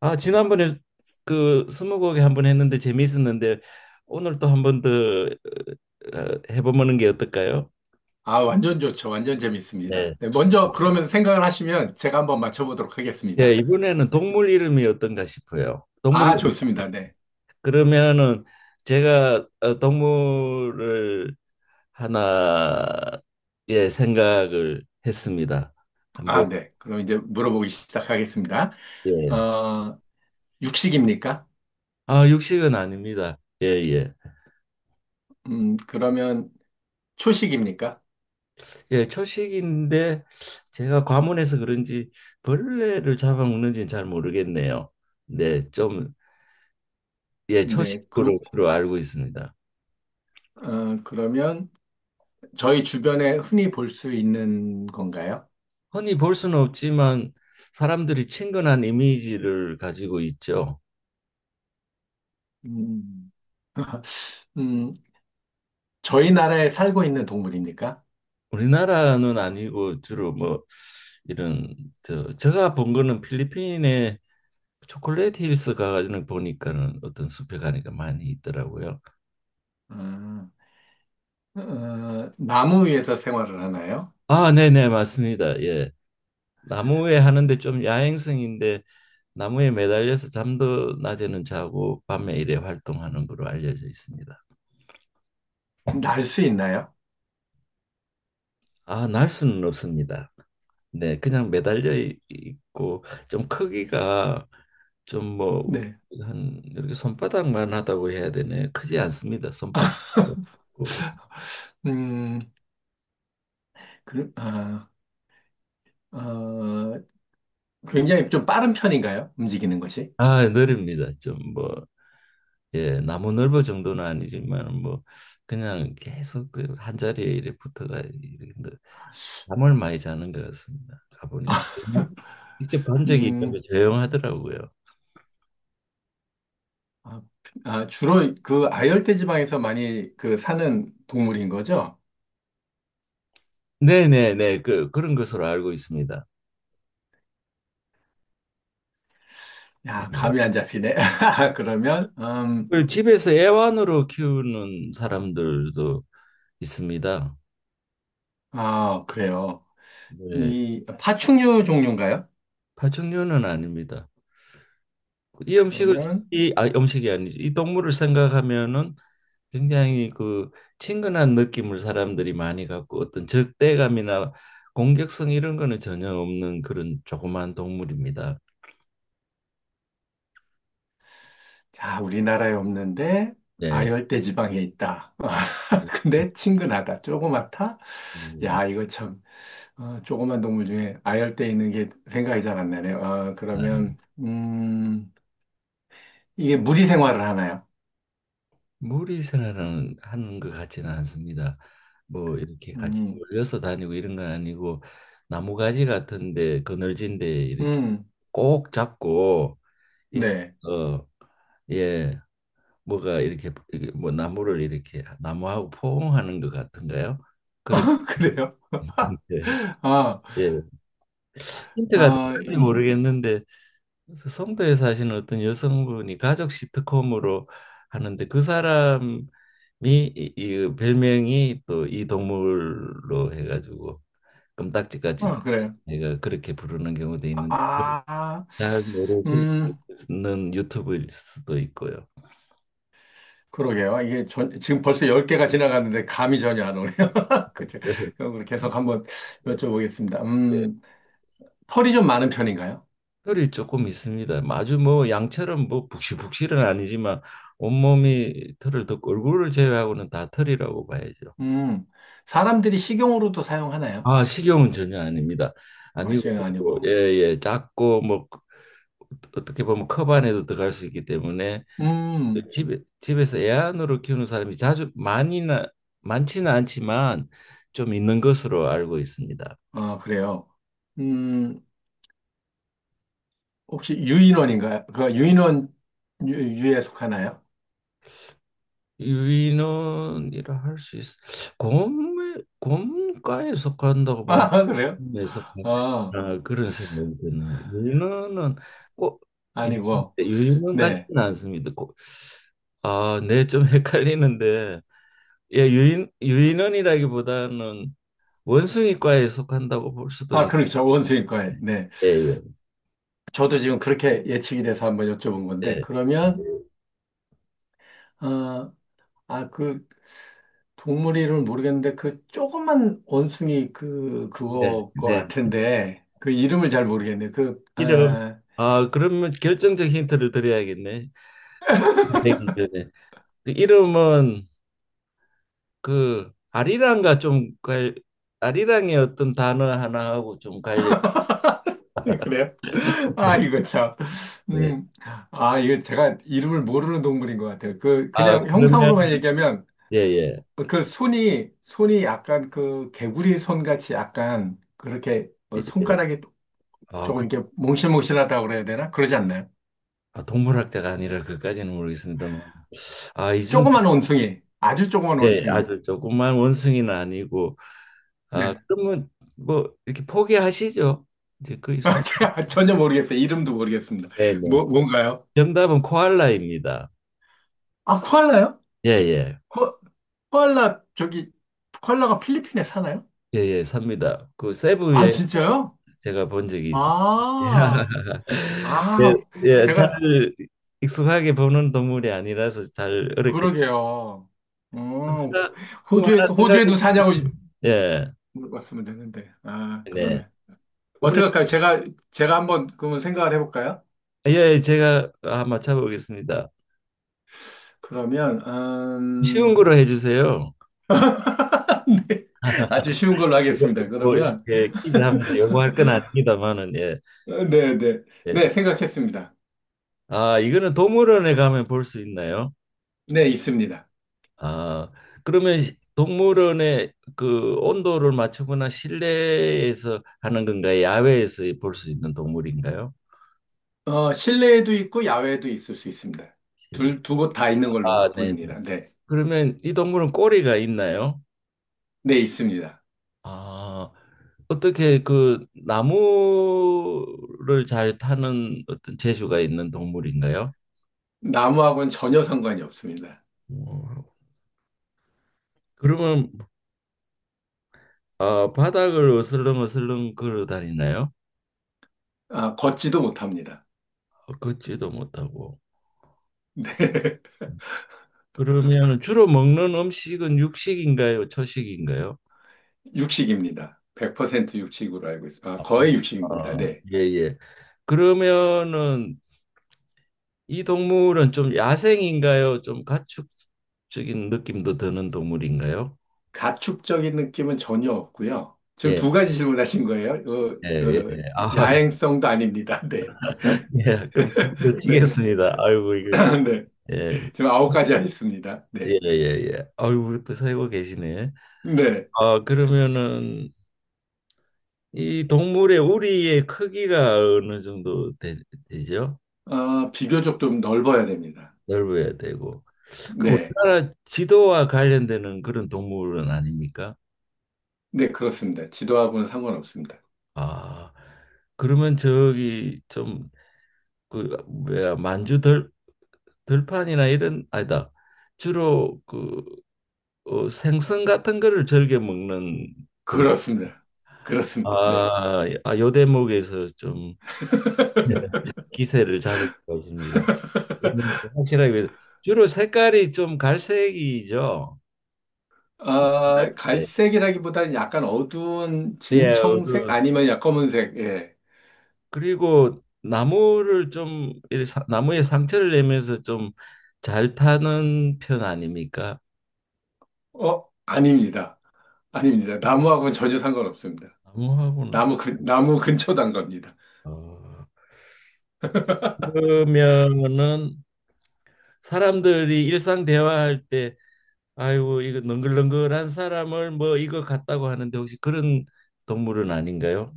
아, 지난번에 그 스무고개 한번 했는데 재미있었는데 오늘 또 한 번더 해보는 게 어떨까요? 아, 완전 좋죠. 완전 네. 재밌습니다. 네, 먼저 그러면 생각을 하시면 제가 한번 맞춰보도록 예, 하겠습니다. 이번에는 동물 이름이 어떤가 싶어요. 동물이 아, 좋습니다. 네. 그러면은 제가 동물을 하나 예 생각을 했습니다. 한번 아, 네. 그럼 이제 물어보기 시작하겠습니다. 예. 어, 육식입니까? 아, 육식은 아닙니다. 예, 예. 그러면 초식입니까? 예, 초식인데 제가 과문해서 그런지 벌레를 잡아먹는지는 잘 모르겠네요. 네, 좀 예, 네. 초식으로 주로 알고 있습니다. 그러면 저희 주변에 흔히 볼 수 있는 건가요? 흔히 볼 수는 없지만 사람들이 친근한 이미지를 가지고 있죠. 음, 음, 저희 나라에 살고 있는 동물입니까? 우리나라는 아니고 주로 뭐 이런 저 제가 본 거는 필리핀의 초콜릿 힐스 가가지고 보니까는 어떤 숲에 가니까 많이 있더라고요. 아, 어, 나무 위에서 생활을 하나요? 아, 네네, 맞습니다. 예. 나무에 하는데 좀 야행성인데 나무에 매달려서 잠도 낮에는 자고 밤에 일에 활동하는 걸로 알려져 있습니다. 날 수 있나요? 아, 날 수는 없습니다. 네, 그냥 매달려 있고 좀 크기가 좀 뭐 네. 한 이렇게 손바닥만 하다고 해야 되네. 크지 않습니다. 손바닥. 음, 그, 아, 어, 굉장히 좀 빠른 편인가요? 움직이는 것이? 아, 느립니다. 좀 뭐, 예, 나무 넓어 정도는 아니지만 뭐 그냥 계속 그한 자리에 이렇게 붙어가 이렇게 잠을 많이 자는 것 같습니다. 가보니까 직접 본 적이 있는데 음, 조용하더라고요. 아, 주로 그 아열대 지방에서 많이 그 사는 동물인 거죠? 네네네 그런 것으로 알고 있습니다. 야, 감이 예. 안 잡히네. 그러면, 그 집에서 애완으로 키우는 사람들도 있습니다. 아, 그래요. 네, 이 파충류 종류인가요? 파충류는 아닙니다. 이 음식을 그러면, 이 아, 음식이 아니죠. 이 동물을 생각하면은 굉장히 그 친근한 느낌을 사람들이 많이 갖고 어떤 적대감이나 공격성 이런 거는 전혀 없는 그런 조그만 동물입니다. 자, 우리나라에 없는데 네. 아열대 지방에 있다. 근데 친근하다. 조그맣다. 음, 야, 이거 참. 아, 조그만 동물 중에 아열대 있는 게 생각이 잘 안 나네요. 아, 나 그러면, 이게 무리 생활을 하나요? 무리 생활은 하는 것 같지는 않습니다. 뭐 이렇게 같이 음, 몰려서 다니고 이런 건 아니고 나무가지 같은데 그늘진데 이렇게 음, 꼭 잡고 있어. 네. 어, 예, 뭐가 이렇게 이게 뭐 나무를 이렇게 나무하고 포옹하는 것 같은가요? 그렇게 그래요? 아, 예 힌트가 아, 될지 이, 모르겠는데 그래서 송도에 사시는 어떤 여성분이 가족 시트콤으로 하는데 그 사람이 이 별명이 또 이 동물로 해가지고 껌딱지같이 부- 아, 그래요. 내가 그렇게 부르는 경우도 있는데 아, 아, 잘 모르실 수도 음, 있는 유튜브일 수도 있고요. 그러게요. 지금 벌써 10개가 지나갔는데 감이 전혀 안 오네요. 그죠? 그래서 그럼 계속 한번 뭐, 여쭤보겠습니다. 예, 털이 좀 많은 편인가요? 혈이 조금 있습니다. 아주 뭐 양처럼 뭐 북실북실은 아니지만 온몸이 털을 덮고 얼굴을 제외하고는 다 털이라고 봐야죠. 음, 사람들이 식용으로도 사용하나요? 아, 식용은 전혀 아닙니다. 아, 아니고 식용 예, 아니고. 예, 작고 뭐 어떻게 보면 컵 안에도 들어갈 수 있기 때문에 음. 집에서 애완으로 키우는 사람이 자주 많이나 많지는 않지만 좀 있는 것으로 알고 있습니다. 아, 그래요. 음, 혹시 유인원인가요? 그 유인원 유에 속하나요? 유인원이라 할 수 있어. 곰에 곰과에 속한다고 보는 아, 그래요? 에서 아, 아, 그런 생각이 드네요. 유인원은 꼭 있는데 아니고. 유인원 네. 같지는 않습니다. 꼭, 아, 네, 좀 헷갈리는데 예, 유인원이라기보다는 원숭이과에 속한다고 볼 수도 아, 있. 그렇죠. 원수인과에. 네. 예, 예, 저도 지금 그렇게 예측이 돼서 한번 여쭤본 건데, 예, 그러면, 예, 아, 그 동물 이름을 모르겠는데, 그 조그만 원숭이 그, 네, 그거 것 네. 같은데, 그 이름을 잘 모르겠네요. 이름 아 그러면 결정적 힌트를 드려야겠네. 되기 전에 그 이름은 그 아리랑의 어떤 단어 하나하고 좀 관련. 그래요? 네. 아, 이거 참. 네. 음, 아, 이거 제가 이름을 모르는 동물인 것 같아요. 그, 아 그냥 그러면 형상으로만 얘기하면, 예예. 그 손이 약간 그 개구리 손같이 약간 그렇게 어, 예. 예. 손가락이 아, 조금 그, 이렇게 몽실몽실하다고 그래야 되나? 그러지 않나요? 아, 동물학자가 아니라 그까지는 모르겠습니다만, 아 이쯤 조그만 원숭이, 아주 조그만 예 원숭이. 아주 조그만 원숭이는 아니고, 아 네. 그러면 뭐 이렇게 포기하시죠? 이제 거의 숨. 전혀 모르겠어요. 이름도 모르겠습니다. 네네. 뭔가요? 정답은 코알라입니다. 아, 코알라요? 예예. 코, 코알라, 저기, 코알라가 필리핀에 사나요? 예예. 삽니다. 그 아, 세부에 진짜요? 제가 본 적이 있습니다. 아, 예, 아, 예, 잘 제가 익숙하게 보는 동물이 아니라서 잘 어렵게. 그러게요. 어, 하나, 좀 하나 생각해 호주에도 보세요. 사냐고 예, 물어봤으면 되는데. 아, 네. 그러면. 어떡할까요? 제가 한번 그러면 생각을 해볼까요? 예, 예, 제가 맞춰보겠습니다. 그러면, 쉬운 거로 해주세요. 아주 쉬운 걸로 하겠습니다. 뭐 그러면, 이렇게 퀴즈 하면서 요구할 건 아닙니다만은 예, 어, 네, 네. 네, 예. 생각했습니다. 아, 이거는 동물원에 가면 볼 수 있나요? 네, 있습니다. 아, 그러면 동물원의 그 온도를 맞추거나 실내에서 하는 건가요? 야외에서 볼 수 있는 동물인가요? 어, 실내에도 있고, 야외에도 있을 수 있습니다. 실- 두 곳 다 있는 걸로 아, 네. 네. 보입니다. 네. 그러면 이 동물은 꼬리가 있나요? 네, 있습니다. 아, 어떻게 그 나무를 잘 타는 어떤 재주가 있는 동물인가요? 나무하고는 전혀 상관이 없습니다. 어, 그러면 어, 바닥을 어슬렁어슬렁 걸어 다니나요? 아, 걷지도 못합니다. 걷지도 못하고. 그러면 주로 먹는 음식은 육식인가요? 초식인가요? 육식입니다. 100% 육식으로 알고 있습니다. 아, 아, 거의 육식입니다. 어, 네. 예, 예. 그러면은 이 동물은 좀 야생인가요? 좀 가축적인 느낌도 드는 동물인가요? 가축적인 느낌은 전혀 없고요. 지금 예, 두 가지 질문하신 거예요. 예, 예. 아, 야행성도 아닙니다. 네. 예, 그럼 네. 치겠습니다. 아이고 이거 네. 예. 지금 아홉 가지 하셨습니다. 예, 네. 예, 예. 아이고 또 살고 계시네. 네. 아, 그러면은 이 동물의 우리의 크기가 어느 정도 되, 죠 아, 비교적 좀 넓어야 됩니다. 넓어야 되고. 그 네. 우리나라 지도와 관련되는 그런 동물은 아닙니까? 네, 그렇습니다. 지도하고는 상관없습니다. 아, 그러면 저기 좀그 뭐야 만주 들 들판이나 이런 아니다. 주로 그 생선 같은 거를 즐겨 먹는 그렇습니다. 그렇습니다. 네. 아, 아, 요 대목에서 좀 네. 기세를 잡을 것 같습니다. 그러면 확실하게 주로 색깔이 좀 갈색이죠. 아, 갈색. 갈색이라기보다는 약간 어두운 예, 진청색 그- 아니면 약 검은색. 예. 그리고 나무를 좀 이렇게 나무에 상처를 내면서 좀 잘 타는 편 아닙니까? 어, 아닙니다. 아닙니다. 나무하고는 전혀 상관없습니다. 나무하고는 나무 근처 단 겁니다. 어, 그러면은 사람들이 일상 대화할 때 아이고 이거 능글능글한 사람을 뭐 이거 같다고 하는데 혹시 그런 동물은 아닌가요?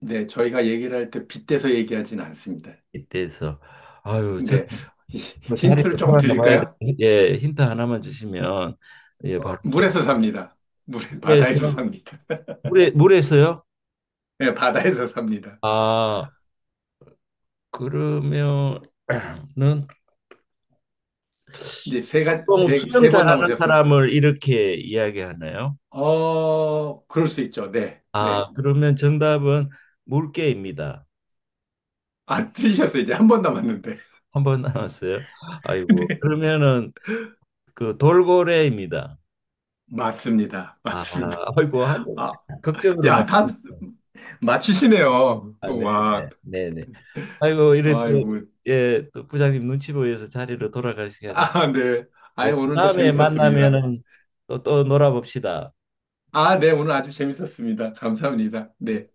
네, 저희가 얘기를 할 때 빗대서 얘기하진 않습니다. 이때에서 아유 근데 저뭐 자리로 힌트를 조금 돌아가 봐야 돼. 드릴까요? 예 힌트 하나만 주시면 예 바로 어, 좀 물에서 삽니다. 물 바다에서 물에서 삽니다. 물에서요? 네, 바다에서 삽니다. 아 그러면은 이제 보통 수영 세 번 잘하는 남으셨습니다. 사람을 이렇게 이야기하나요? 어, 그럴 수 있죠. 네, 아 네. 그러면 정답은 물개입니다. 아, 틀리셨어요. 이제 한 번 남았는데. 한 번 남았어요. 아이고 그러면은 그 돌고래입니다. 맞습니다. 아, 맞습니다. 아이고, 한, 아, 걱정으로 야, 막. 다 맞히시네요. 아, 네네, 와, 네네. 아이고, 이래 아이고. 또, 예, 또 부장님 눈치 보여서 자리로 돌아갈 시간이. 아, 네. 아, 네, 또 오늘도 다음에 재밌었습니다. 만나면은 또, 또 놀아봅시다. 아, 네. 오늘 아주 재밌었습니다. 감사합니다. 네.